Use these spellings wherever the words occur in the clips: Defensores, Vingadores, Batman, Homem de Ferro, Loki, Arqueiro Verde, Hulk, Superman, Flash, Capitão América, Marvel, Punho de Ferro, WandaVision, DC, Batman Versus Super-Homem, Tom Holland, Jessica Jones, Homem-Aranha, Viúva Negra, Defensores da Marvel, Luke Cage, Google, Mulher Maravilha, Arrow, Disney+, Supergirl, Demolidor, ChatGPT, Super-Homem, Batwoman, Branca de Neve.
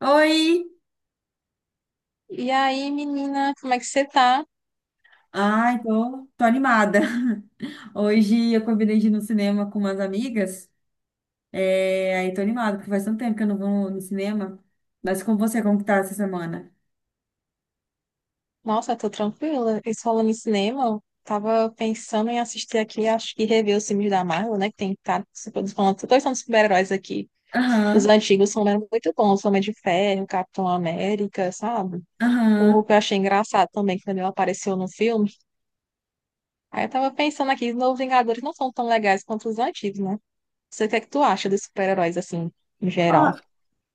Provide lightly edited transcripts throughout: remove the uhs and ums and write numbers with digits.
Oi! E aí, menina, como é que você tá? Ai, tô animada. Hoje eu combinei de ir no cinema com umas amigas. Aí tô animada, porque faz tanto tempo que eu não vou no cinema. Mas com você, como que tá essa semana? Nossa, tô tranquila. E falando em cinema, eu tava pensando em assistir aqui, acho que rever os filmes da Marvel, né? Que tem, tá, se todos falando, todos são super-heróis aqui. Os Aham, antigos são muito bons, Homem de Ferro, Capitão América, sabe? O aham. Hulk eu achei engraçado também, quando ele apareceu no filme. Aí eu tava pensando aqui, os novos Vingadores não são tão legais quanto os antigos, né? Você, o que é que tu acha dos super-heróis, assim, em Ó, geral?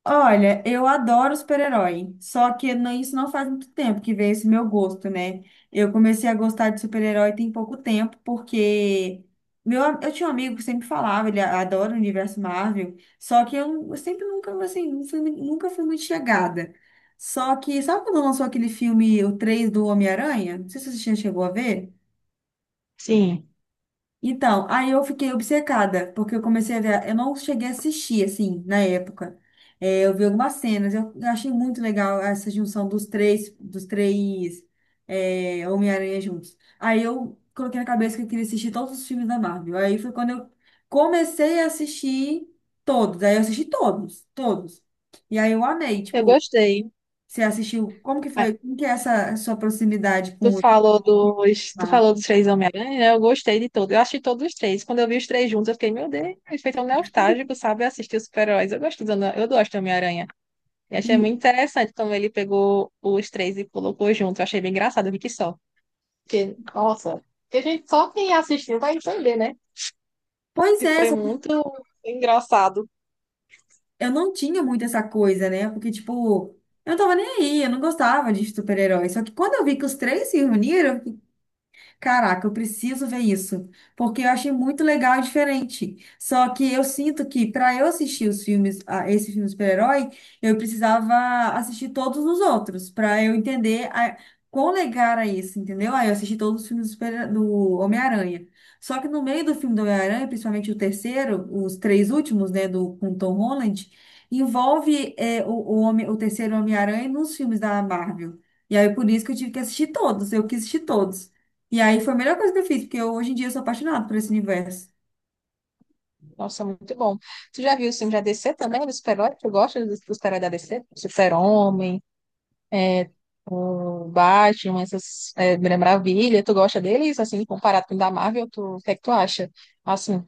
Olha, eu adoro super-herói, só que isso não faz muito tempo que veio esse meu gosto, né? Eu comecei a gostar de super-herói tem pouco tempo, porque eu tinha um amigo que sempre falava, ele adora o universo Marvel, só que eu sempre nunca, assim, nunca fui muito chegada. Só que, sabe quando lançou aquele filme, o 3 do Homem-Aranha? Não sei se você já chegou a ver. Sim, Então, aí eu fiquei obcecada, porque eu comecei a ver, eu não cheguei a assistir, assim, na época. É, eu vi algumas cenas, eu achei muito legal essa junção dos três é, Homem-Aranha juntos. Aí eu coloquei na cabeça que eu queria assistir todos os filmes da Marvel. Aí foi quando eu comecei a assistir todos, aí eu assisti todos, todos. E aí eu amei, eu tipo, gostei. você assistiu, como que Ah, foi, como que é essa sua proximidade Tu com o falou dos, tu Marvel? falou dos três Homem-Aranha, né? Eu gostei de todos. Eu achei todos os três. Quando eu vi os três juntos, eu fiquei, meu Deus, feito um nostálgico, sabe? Assistir os super-heróis. Eu gosto do Homem-Aranha. E achei E, muito interessante como ele pegou os três e colocou junto. Eu achei bem engraçado, eu vi que só. Porque, nossa, que a gente só quem assistiu vai entender, né? pois E é, foi muito engraçado. eu não tinha muito essa coisa, né? Porque, tipo, eu não tava nem aí, eu não gostava de super-herói. Só que quando eu vi que os três se reuniram, caraca, eu preciso ver isso, porque eu achei muito legal e diferente. Só que eu sinto que para eu assistir os filmes, a esse filme super-herói, eu precisava assistir todos os outros para eu entender a, quão legal era isso, entendeu? Aí eu assisti todos os filmes do, do Homem-Aranha. Só que no meio do filme do Homem-Aranha, principalmente o terceiro, os três últimos, né, do com Tom Holland, envolve é, homem, o terceiro Homem-Aranha nos filmes da Marvel. E aí, por isso que eu tive que assistir todos, eu quis assistir todos. E aí foi a melhor coisa que eu fiz, porque eu, hoje em dia eu sou apaixonada por esse universo. Nossa, muito bom. Tu já viu o filme da D C também, do super-herói? Tu gosta dos do super-herói da D C, Super-Homem, o Batman, essas é, Mulher Maravilha. Tu gosta deles, assim, comparado com o da Marvel? Tu, o que é que tu acha? Assim,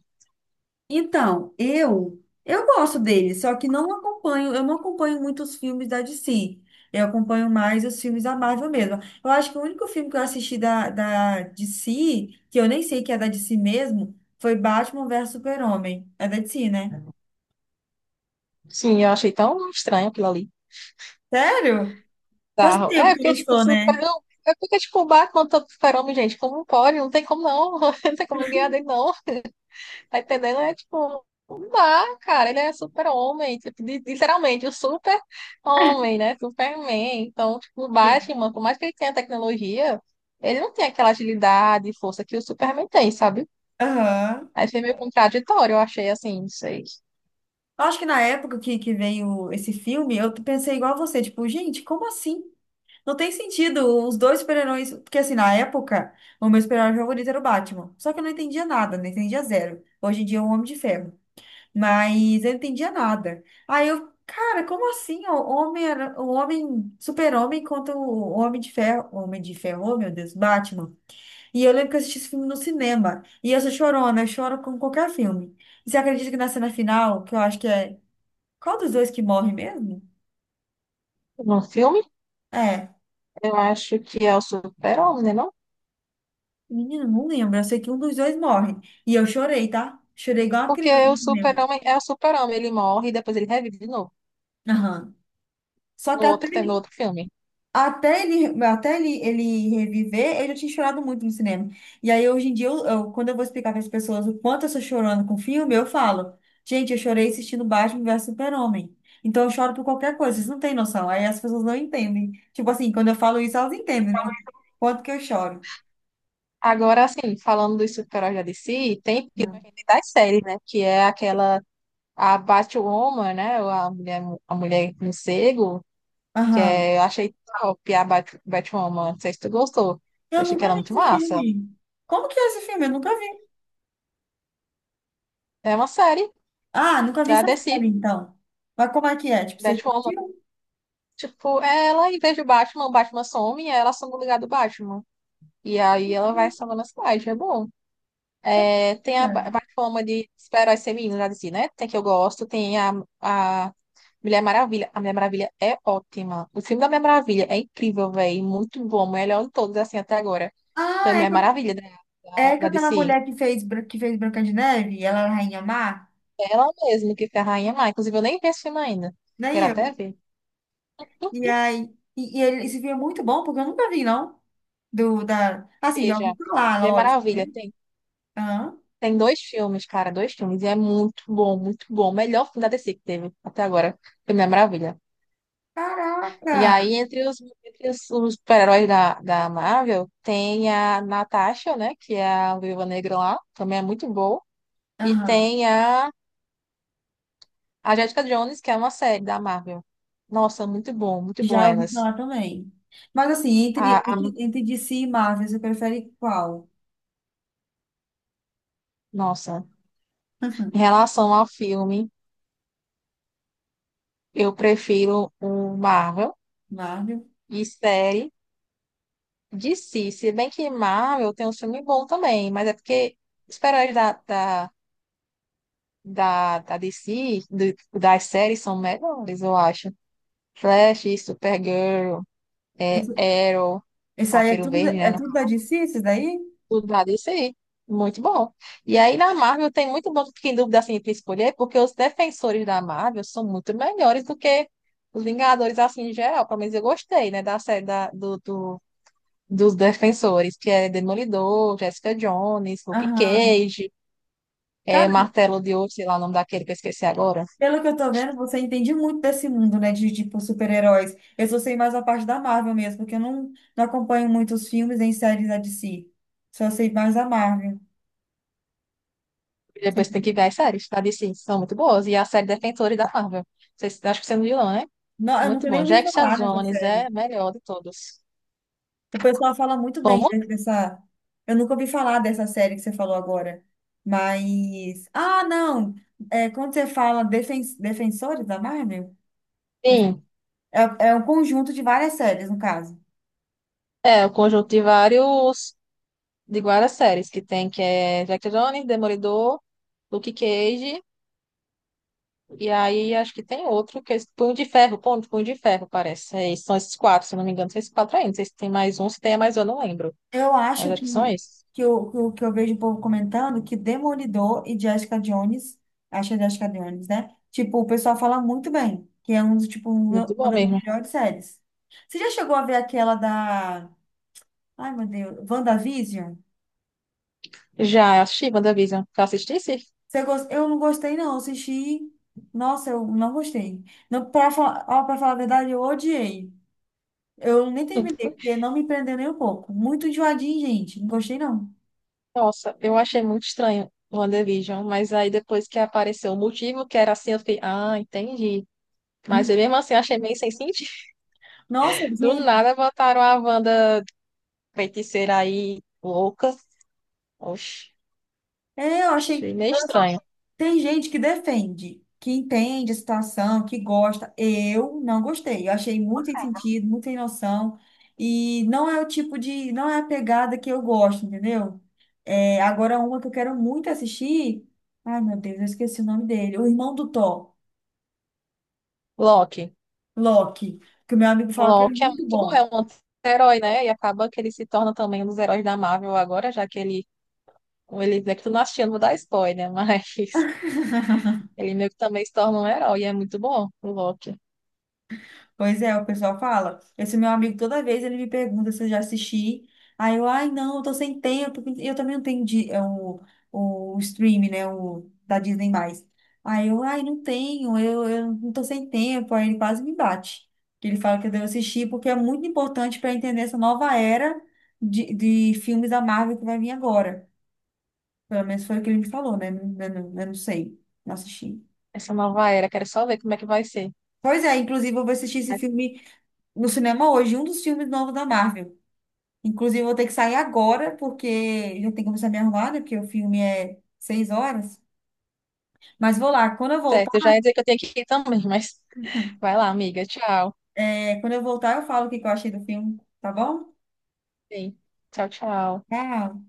Então, eu gosto dele, só que não acompanho, eu não acompanho muito os filmes da DC. Eu acompanho mais os filmes da Marvel mesmo. Eu acho que o único filme que eu assisti da DC, que eu nem sei que é da DC mesmo, foi Batman Versus Super-Homem. É da DC, né? sim, eu achei tão estranho aquilo ali. Sério? Faz Bizarro. É, tempo que porque, tipo, lançou, super. né? É porque, tipo, o Batman, todo super-homem, gente, como pode? Não tem como não. Não tem como ele ganhar dele, não. Tá entendendo? É tipo, não dá, cara. Ele é super-homem. Tipo, literalmente, o super-homem, né? Superman. Então, tipo, o Sim. Batman, por mais que ele tenha tecnologia, ele não tem aquela agilidade e força que o Superman tem, sabe? Aham. Aí foi meio contraditório, eu achei assim, não sei. Eu acho que na que veio esse filme, eu pensei igual a você, tipo, gente, como assim? Não tem sentido os dois super-heróis. Porque assim, na época, o meu super-herói favorito era o Batman. Só que eu não entendia nada, não entendia zero. Hoje em dia é um Homem de Ferro. Mas eu não entendia nada. Aí eu, cara, como assim? O homem, super-homem contra o Homem de Ferro. O Homem de Ferro, oh, meu Deus, Batman. E eu lembro que eu assisti esse filme no cinema. E eu sou chorona, eu choro com qualquer filme. E você acredita que na cena final, que eu acho que é. Qual dos dois que morre mesmo? No filme, É. eu acho que é o super-homem, né? Não? Menina, não lembro. Eu sei que um dos dois morre. E eu chorei, tá? Chorei igual uma Porque criança o no cinema. super-homem é o super-homem. Ele morre e depois ele revive de novo. Aham. Só No que até outro, no ele, outro filme. até ele, até ele, ele reviver, eu já tinha chorado muito no cinema. E aí, hoje em dia, quando eu vou explicar para as pessoas o quanto eu sou chorando com filme, eu falo, gente, eu chorei assistindo Batman versus Super-Homem. Então, eu choro por qualquer coisa. Vocês não têm noção. Aí as pessoas não entendem. Tipo assim, quando eu falo isso, elas entendem, né? o Quanto que eu choro. Agora, assim, falando dos super-heróis da DC, tem filme Não. das séries, né? Que é aquela a Batwoman, né? Ou a mulher, a mulher morcego, Aham. é, eu achei top a Batwoman. Não sei se tu gostou. Eu Eu achei que nunca ela é vi muito esse massa. filme. Como que é esse filme? Eu nunca vi. É uma série Ah, nunca vi da essa série, DC, então. Mas como é que é? Tipo, você já Batwoman. assistiu? Tipo, ela, em vez de Batman, o Batman some, ela some no lugar do Batman. E aí ela vai salvando a cidade, é bom. É, tem a Cara. Batwoman de super-heróis femininos da DC, né? Tem que eu gosto, tem a Mulher Maravilha. A Mulher Maravilha é ótima. O filme da Mulher Maravilha é incrível, velho. Muito bom. Melhor de todos, assim, até agora. Ah, Foi Mulher Maravilha da, da, é com da aquela DC. mulher que fez, que fez Branca de Neve, ela era a Rainha Má, Ela mesma que foi a Rainha lá. Inclusive, eu nem vi esse filme ainda. né? Quero até ver. E aí, e ele, esse filme é muito bom, porque eu nunca vi, não. Assim, já Veja, ouvi falar, Mulher lógico, Maravilha. né? Tem, Aham. tem dois filmes, cara, dois filmes. E é muito bom, muito bom. O melhor filme da DC que teve até agora. Foi Mulher Maravilha. Caraca! E aí, entre os super-heróis da Marvel, tem a Natasha, né? Que é a Viúva Negra lá. Também é muito boa. E Aham. tem a Jessica Jones, que é uma série da Marvel. Nossa, muito bom Já ouvi elas. falar também. Mas assim, A, a- entre DC e Marvel, você prefere qual? nossa. Em Uhum. relação ao filme, eu prefiro o Marvel Marvel? e série DC. Se bem que Marvel tem um filme bom também, mas é porque os super-heróis da DC, das séries, são melhores, eu acho. Flash, Supergirl, é, Arrow, Isso aí Arqueiro Verde, é né? tudo da DC, isso daí? Estudar isso aí. Muito bom. E aí na Marvel tem muito bom, fiquei em dúvida assim entre escolher, porque os defensores da Marvel são muito melhores do que os Vingadores assim em geral. Pelo menos eu gostei, né, da série da, do, do- dos defensores, que é Demolidor, Jessica Jones, Luke Aham. Cage, é Cara, Martelo de Ouro, sei lá o nome daquele que eu esqueci agora. pelo que eu tô vendo, você entende muito desse mundo, né? De, tipo, super-heróis. Eu só sei mais a parte da Marvel mesmo, porque eu não, não acompanho muitos filmes nem séries da DC. Só sei mais da Marvel. E depois Sei- tem que ver as séries, tá? Disse, são muito boas. E a série Defensores da Marvel. Vocês, acho que você não viu, não, né? Não, eu Muito nunca nem bom. ouvi Jessica falar nessa Jones é série. a melhor de todos. O pessoal fala muito bem Como? Dessa. Eu nunca ouvi falar dessa série que você falou agora. Mas. Ah, não! É, quando você fala defen... Defensores da Marvel, Sim. É um conjunto de várias séries, no caso. É, o conjunto de vários, de várias séries que tem, que é Jack Jones, Demolidor, Luke Cage, e aí acho que tem outro, que é esse Punho de Ferro, Punho de Ferro, parece. É, são esses quatro, se eu não me engano, são esses quatro ainda. Não sei se tem mais um, eu não lembro. Eu Mas acho acho que são que, esses. que, eu, que, eu, que eu vejo o povo comentando que Demolidor e Jessica Jones, acho que é Jessica Jones, né? Tipo, o pessoal fala muito bem, que é Muito uma bom das mesmo. melhores séries. Você já chegou a ver aquela da. Ai, meu Deus. WandaVision? Já assisti WandaVision. Já assistisse? Eu não gostei, não. Eu assisti. Nossa, eu não gostei. Não, pra falar... ó, pra falar a verdade, eu odiei. Eu nem terminei, porque não me prendeu nem um pouco. Muito enjoadinho, gente. Não gostei, não. Nossa, eu achei muito estranho o WandaVision, mas aí depois que apareceu o motivo, que era assim, eu fiquei, ah, entendi. Mas Hum. eu mesmo assim achei meio sem sentido. Nossa, Do gente. nada botaram a Wanda feiticeira aí louca. Oxe, É, eu achei achei. meio estranho. Tem gente que defende, que entende a situação, que gosta. Eu não gostei. Eu achei muito sem sentido, muito sem noção. E não é não é a pegada que eu gosto, entendeu? É, agora, uma que eu quero muito assistir. Ai, meu Deus, eu esqueci o nome dele. O irmão do Thor, Loki. Loki, que o meu amigo fala que é Loki é muito muito bom, é bom. um anti-herói, né? E acaba que ele se torna também um dos heróis da Marvel agora, já que ele é que tu não assistiu, não vou dar spoiler, mas ele meio que também se torna um herói, e é muito bom o Loki. Pois é, o pessoal fala. Esse meu amigo, toda vez ele me pergunta se eu já assisti. Aí eu, ai, não, eu tô sem tempo. E eu também não tenho di- é, o stream, né? O da Disney+. Aí eu, ai, não tenho, eu não tô sem tempo. Aí ele quase me bate. Que ele fala que eu devo assistir, porque é muito importante para entender essa nova era de filmes da Marvel que vai vir agora. Pelo menos foi o que ele me falou, né? Eu não sei, não assisti. Essa nova era, quero só ver como é que vai ser. Pois é, inclusive eu vou assistir esse Mas, filme no cinema hoje, um dos filmes novos da Marvel. Inclusive, eu vou ter que sair agora, porque já tenho que começar a me arrumar, né? Porque o filme é 6 horas. Mas vou lá. Quando eu certo, eu já voltar, ia dizer que eu tenho que ir também, mas vai lá, amiga. Tchau. é, quando eu voltar, eu falo o que que eu achei do filme, tá bom? Sim. Tchau, tchau. Tchau.